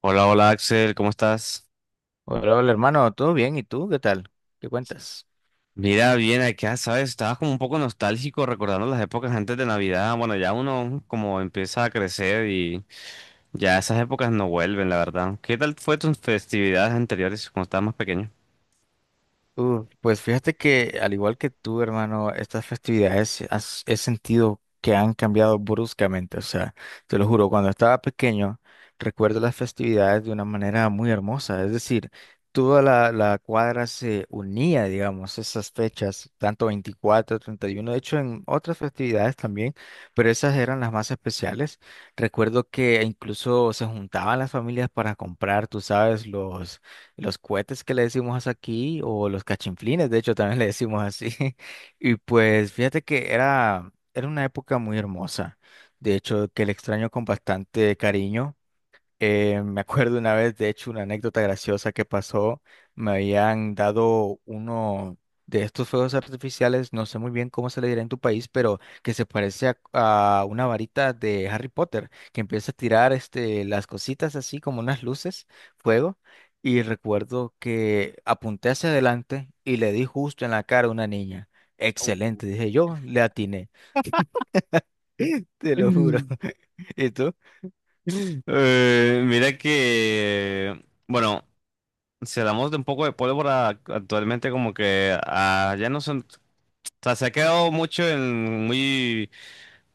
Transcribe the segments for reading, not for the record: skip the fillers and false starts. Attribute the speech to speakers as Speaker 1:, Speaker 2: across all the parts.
Speaker 1: Hola, hola Axel, ¿cómo estás?
Speaker 2: Hola, hola, hermano, ¿todo bien? ¿Y tú qué tal? ¿Qué cuentas?
Speaker 1: Mira, bien acá, ¿sabes? Estaba como un poco nostálgico recordando las épocas antes de Navidad. Bueno, ya uno como empieza a crecer y ya esas épocas no vuelven, la verdad. ¿Qué tal fue tus festividades anteriores cuando estabas más pequeño?
Speaker 2: Pues fíjate que al igual que tú, hermano, estas festividades he sentido que han cambiado bruscamente. O sea, te lo juro, cuando estaba pequeño, recuerdo las festividades de una manera muy hermosa. Es decir, toda la cuadra se unía, digamos, esas fechas, tanto 24, 31, de hecho en otras festividades también, pero esas eran las más especiales. Recuerdo que incluso se juntaban las familias para comprar, tú sabes, los cohetes que le decimos aquí, o los cachinflines, de hecho también le decimos así. Y pues fíjate que era una época muy hermosa, de hecho que le extraño con bastante cariño. Me acuerdo una vez, de hecho, una anécdota graciosa que pasó. Me habían dado uno de estos fuegos artificiales, no sé muy bien cómo se le dirá en tu país, pero que se parece a una varita de Harry Potter, que empieza a tirar las cositas así como unas luces, fuego. Y recuerdo que apunté hacia adelante y le di justo en la cara a una niña.
Speaker 1: Uh.
Speaker 2: Excelente, dije yo, le atiné. Te lo juro.
Speaker 1: Mm.
Speaker 2: ¿Y tú?
Speaker 1: Mira que, bueno, si hablamos de un poco de pólvora, actualmente como que ya no son sea, se ha quedado mucho en muy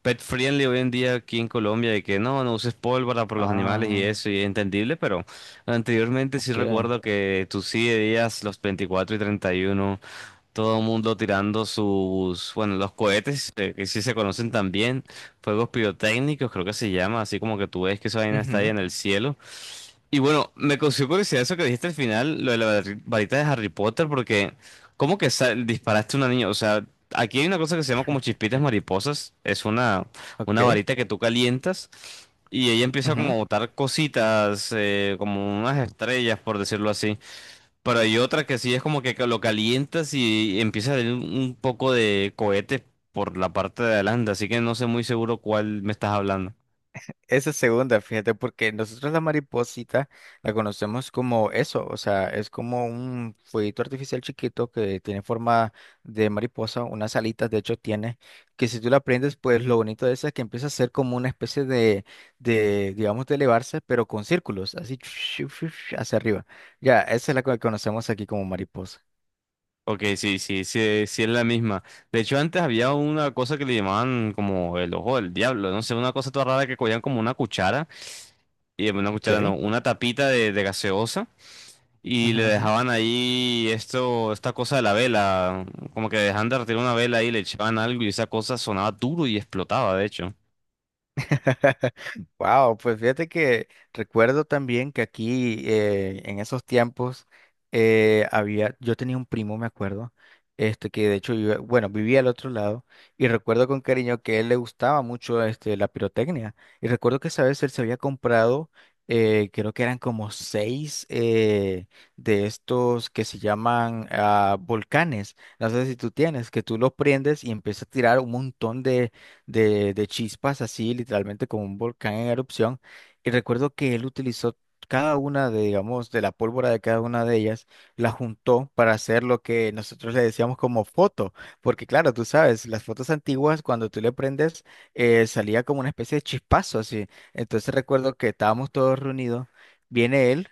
Speaker 1: pet friendly hoy en día aquí en Colombia, de que no, no uses pólvora por los animales y
Speaker 2: Ah,
Speaker 1: eso, y es entendible, pero anteriormente sí
Speaker 2: ok.
Speaker 1: recuerdo que tú sí veías los 24 y 31, todo el mundo tirando sus, bueno, los cohetes, que sí se conocen también, fuegos pirotécnicos, creo que se llama, así como que tú ves que esa vaina está ahí
Speaker 2: Ujú,
Speaker 1: en el cielo, y bueno, me causó curiosidad eso que dijiste al final, lo de la varita de Harry Potter, porque ¿cómo que disparaste a una niña? O sea, aquí hay una cosa que se llama como chispitas mariposas, es una
Speaker 2: ok,
Speaker 1: varita que tú calientas y ella empieza como
Speaker 2: ujú.
Speaker 1: a botar cositas, como unas estrellas, por decirlo así. Pero hay otra que sí es como que lo calientas y empieza a salir un poco de cohete por la parte de adelante, así que no sé muy seguro cuál me estás hablando.
Speaker 2: Esa segunda, fíjate, porque nosotros la mariposita la conocemos como eso, o sea, es como un fueguito artificial chiquito que tiene forma de mariposa, unas alitas de hecho tiene, que si tú la prendes, pues lo bonito de esa es que empieza a ser como una especie de, digamos, de elevarse, pero con círculos, así hacia arriba. Ya, esa es la que conocemos aquí como mariposa.
Speaker 1: Ok, sí, sí, sí, sí es la misma. De hecho, antes había una cosa que le llamaban como el ojo del diablo, no sé, una cosa toda rara que cogían como una cuchara, y una
Speaker 2: Ok.
Speaker 1: cuchara no, una tapita de gaseosa, y
Speaker 2: Ujú,
Speaker 1: le
Speaker 2: ujú.
Speaker 1: dejaban ahí esto, esta cosa de la vela, como que dejaban de retirar una vela ahí, le echaban algo y esa cosa sonaba duro y explotaba, de hecho.
Speaker 2: Wow, pues fíjate que recuerdo también que aquí en esos tiempos había, yo tenía un primo, me acuerdo, este que de hecho vivía, bueno, vivía al otro lado y recuerdo con cariño que a él le gustaba mucho la pirotecnia y recuerdo que esa vez él se había comprado creo que eran como seis de estos que se llaman volcanes, no sé si tú tienes, que tú los prendes y empiezas a tirar un montón de chispas, así literalmente como un volcán en erupción. Y recuerdo que él utilizó cada una de, digamos, de la pólvora de cada una de ellas, la juntó para hacer lo que nosotros le decíamos como foto. Porque claro, tú sabes, las fotos antiguas, cuando tú le prendes, salía como una especie de chispazo así. Entonces recuerdo que estábamos todos reunidos, viene él.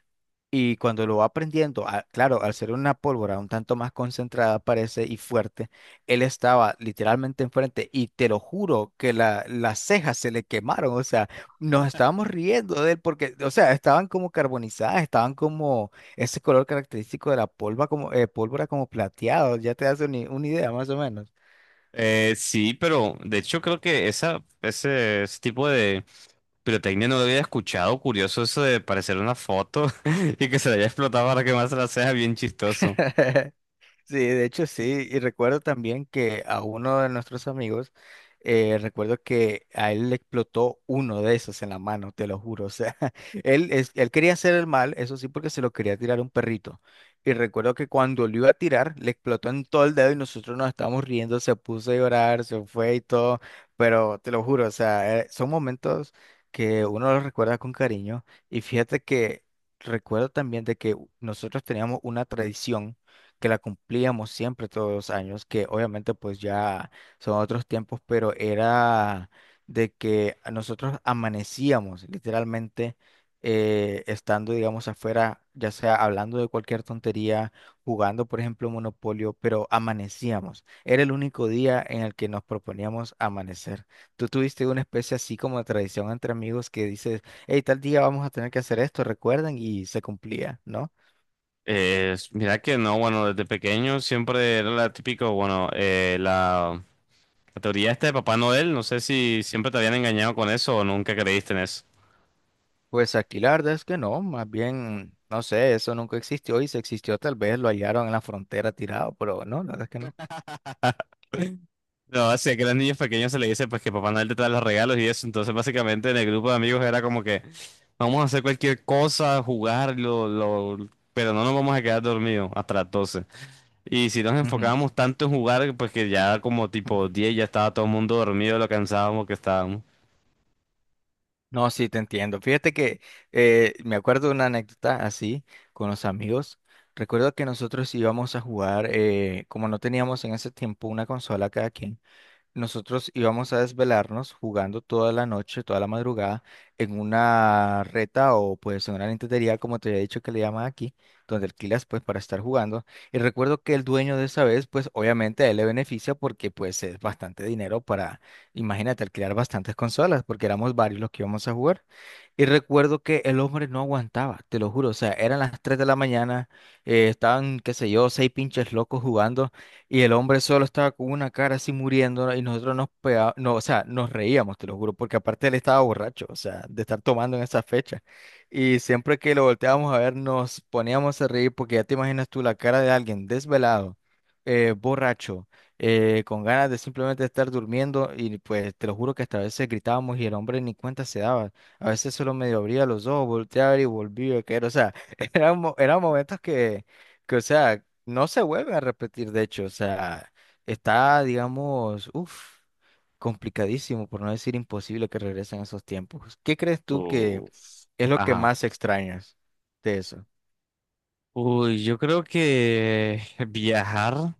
Speaker 2: Y cuando lo va prendiendo, claro, al ser una pólvora un tanto más concentrada parece y fuerte, él estaba literalmente enfrente y te lo juro que las cejas se le quemaron. O sea, nos estábamos riendo de él porque, o sea, estaban como carbonizadas, estaban como ese color característico de la polva como, pólvora como plateado, ya te das una idea más o menos.
Speaker 1: Sí, pero de hecho creo que ese tipo de pirotecnia no lo había escuchado. Curioso eso de parecer una foto y que se le haya explotado para que más la sea bien chistoso.
Speaker 2: Sí, de hecho sí, y recuerdo también que a uno de nuestros amigos, recuerdo que a él le explotó uno de esos en la mano, te lo juro. O sea, él, él quería hacer el mal, eso sí, porque se lo quería tirar a un perrito, y recuerdo que cuando lo iba a tirar, le explotó en todo el dedo y nosotros nos estábamos riendo, se puso a llorar, se fue y todo, pero te lo juro, o sea, son momentos que uno los recuerda con cariño. Y fíjate que recuerdo también de que nosotros teníamos una tradición, que la cumplíamos siempre todos los años, que obviamente pues ya son otros tiempos, pero era de que nosotros amanecíamos literalmente, estando, digamos, afuera, ya sea hablando de cualquier tontería, jugando, por ejemplo, Monopolio, pero amanecíamos. Era el único día en el que nos proponíamos amanecer. ¿Tú tuviste una especie así como de tradición entre amigos que dices, hey, tal día vamos a tener que hacer esto, recuerden? Y se cumplía, ¿no?
Speaker 1: Mira que no, bueno, desde pequeño siempre era la típico, bueno, la teoría esta de Papá Noel, no sé si siempre te habían engañado con eso o nunca creíste en eso.
Speaker 2: Pues aquí la verdad es que no, más bien, no sé, eso nunca existió, y si existió tal vez lo hallaron en la frontera tirado, pero no, la verdad es que no.
Speaker 1: No, así que a los niños pequeños se le dice pues que Papá Noel te trae los regalos y eso, entonces básicamente en el grupo de amigos era como que vamos a hacer cualquier cosa, jugarlo pero no nos vamos a quedar dormidos hasta las 12. Y si nos
Speaker 2: Ujú.
Speaker 1: enfocábamos tanto en jugar, pues que ya como tipo 10 ya estaba todo el mundo dormido, de lo cansábamos que estábamos.
Speaker 2: No, sí, te entiendo. Fíjate que me acuerdo de una anécdota así con los amigos. Recuerdo que nosotros íbamos a jugar, como no teníamos en ese tiempo una consola cada quien. Nosotros íbamos a desvelarnos jugando toda la noche, toda la madrugada, en una reta o pues en una lentería, como te había dicho que le llaman aquí, donde alquilas pues para estar jugando. Y recuerdo que el dueño de esa vez, pues obviamente a él le beneficia, porque pues es bastante dinero para, imagínate, alquilar bastantes consolas, porque éramos varios los que íbamos a jugar. Y recuerdo que el hombre no aguantaba, te lo juro. O sea, eran las 3 de la mañana, estaban, qué sé yo, seis pinches locos jugando. Y el hombre solo estaba con una cara así muriendo, ¿no? Y nosotros no, o sea, nos reíamos, te lo juro, porque aparte él estaba borracho, o sea, de estar tomando en esa fecha. Y siempre que lo volteábamos a ver nos poníamos a reír, porque ya te imaginas tú la cara de alguien desvelado, borracho, con ganas de simplemente estar durmiendo, y pues te lo juro que hasta a veces gritábamos y el hombre ni cuenta se daba. A veces solo medio abría los ojos, volteaba y volvía a caer. O sea, eran momentos que... Que, o sea, no se vuelve a repetir, de hecho. O sea, está, digamos, uff, complicadísimo, por no decir imposible que regresen esos tiempos. ¿Qué crees tú que
Speaker 1: Uf.
Speaker 2: es lo que
Speaker 1: Ajá.
Speaker 2: más extrañas de eso?
Speaker 1: Uy, yo creo que viajar.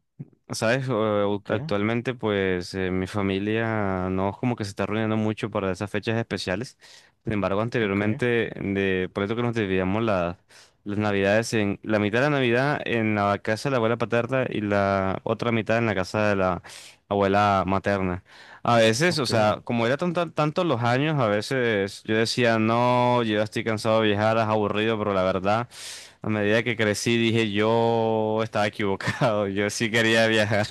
Speaker 1: Sabes,
Speaker 2: Ok,
Speaker 1: actualmente pues mi familia no es como que se está reuniendo mucho para esas fechas especiales. Sin embargo,
Speaker 2: ok,
Speaker 1: anteriormente, por eso que nos dividíamos las navidades en la mitad de la Navidad en la casa de la abuela paterna y la otra mitad en la casa de la abuela materna. A veces, o
Speaker 2: ok.
Speaker 1: sea, como era tantos los años, a veces yo decía, no, yo ya estoy cansado de viajar, es aburrido, pero la verdad... A medida que crecí dije yo estaba equivocado, yo sí quería viajar.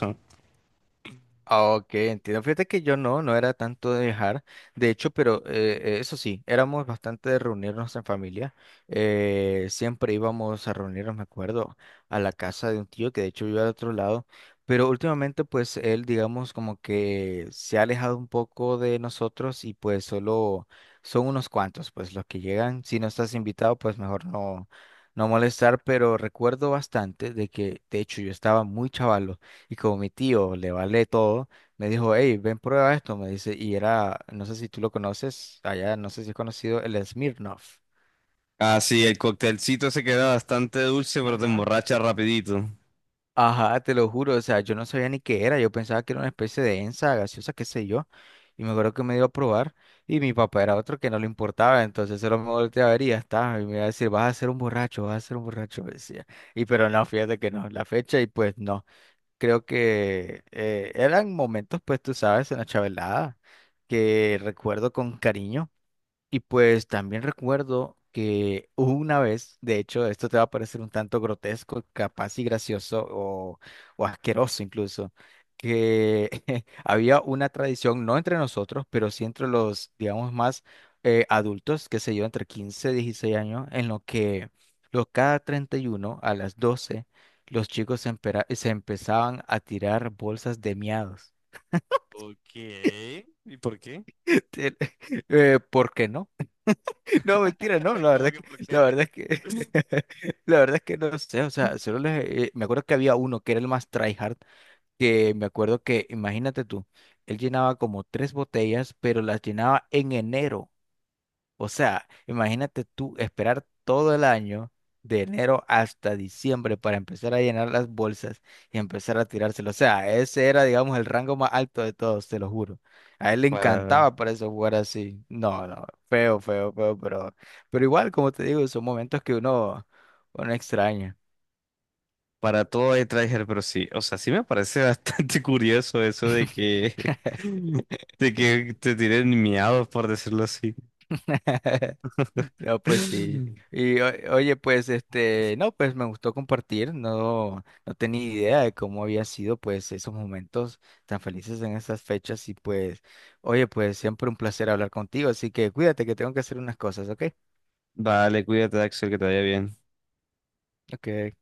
Speaker 2: Ah, ok, entiendo. Fíjate que yo no era tanto de viajar, de hecho, pero eso sí, éramos bastante de reunirnos en familia. Siempre íbamos a reunirnos, me acuerdo, a la casa de un tío que de hecho vive al otro lado, pero últimamente pues él, digamos, como que se ha alejado un poco de nosotros y pues solo son unos cuantos, pues los que llegan. Si no estás invitado, pues mejor no, no molestar, pero recuerdo bastante de que de hecho yo estaba muy chaval, y como mi tío le vale todo, me dijo, hey, ven, prueba esto, me dice, y era, no sé si tú lo conoces, allá no sé si es conocido, el Smirnoff.
Speaker 1: Ah, sí, el coctelcito se queda bastante dulce, pero te
Speaker 2: Ujú.
Speaker 1: emborracha rapidito.
Speaker 2: Ajá, te lo juro, o sea, yo no sabía ni qué era, yo pensaba que era una especie de ensa gaseosa, qué sé yo, y me acuerdo que me dio a probar, y mi papá era otro que no le importaba, entonces solo me volteaba a ver y ya está, y me iba a decir, vas a ser un borracho, vas a ser un borracho, me decía, y pero no, fíjate que no, la fecha, y pues no. Creo que eran momentos, pues tú sabes, en la chavalada, que recuerdo con cariño. Y pues también recuerdo que hubo una vez, de hecho, esto te va a parecer un tanto grotesco, capaz y gracioso o asqueroso incluso, que había una tradición, no entre nosotros, pero sí entre los, digamos, más adultos, que se yo, entre 15 y 16 años, en lo que los cada 31 a las 12 los chicos se empezaban a tirar bolsas de miados.
Speaker 1: Ok. ¿Y por qué?
Speaker 2: ¿Por qué no? No, mentira, no, la verdad
Speaker 1: ¿Cómo
Speaker 2: es
Speaker 1: que
Speaker 2: que,
Speaker 1: por qué?
Speaker 2: la verdad es que, la verdad es que no sé. O sea, solo les, me acuerdo que había uno que era el más tryhard, que me acuerdo que, imagínate tú, él llenaba como tres botellas, pero las llenaba en enero, o sea, imagínate tú esperar todo el año, de enero hasta diciembre, para empezar a llenar las bolsas y empezar a tirárselo. O sea, ese era, digamos, el rango más alto de todos, te lo juro. A él le
Speaker 1: Para,
Speaker 2: encantaba para eso jugar así. No, no, feo, feo, feo, pero, igual, como te digo, son momentos que uno extraña.
Speaker 1: para todo hay Traeger, pero sí, o sea, sí me parece bastante curioso eso de que, de que te tiren miados, por decirlo así.
Speaker 2: No, pues sí. Y oye, pues no, pues me gustó compartir, no, no tenía idea de cómo había sido pues esos momentos tan felices en esas fechas, y pues, oye, pues siempre un placer hablar contigo, así que cuídate que tengo que hacer unas cosas, ¿ok?
Speaker 1: Vale, cuídate, Axel, que te vaya bien.
Speaker 2: Ok.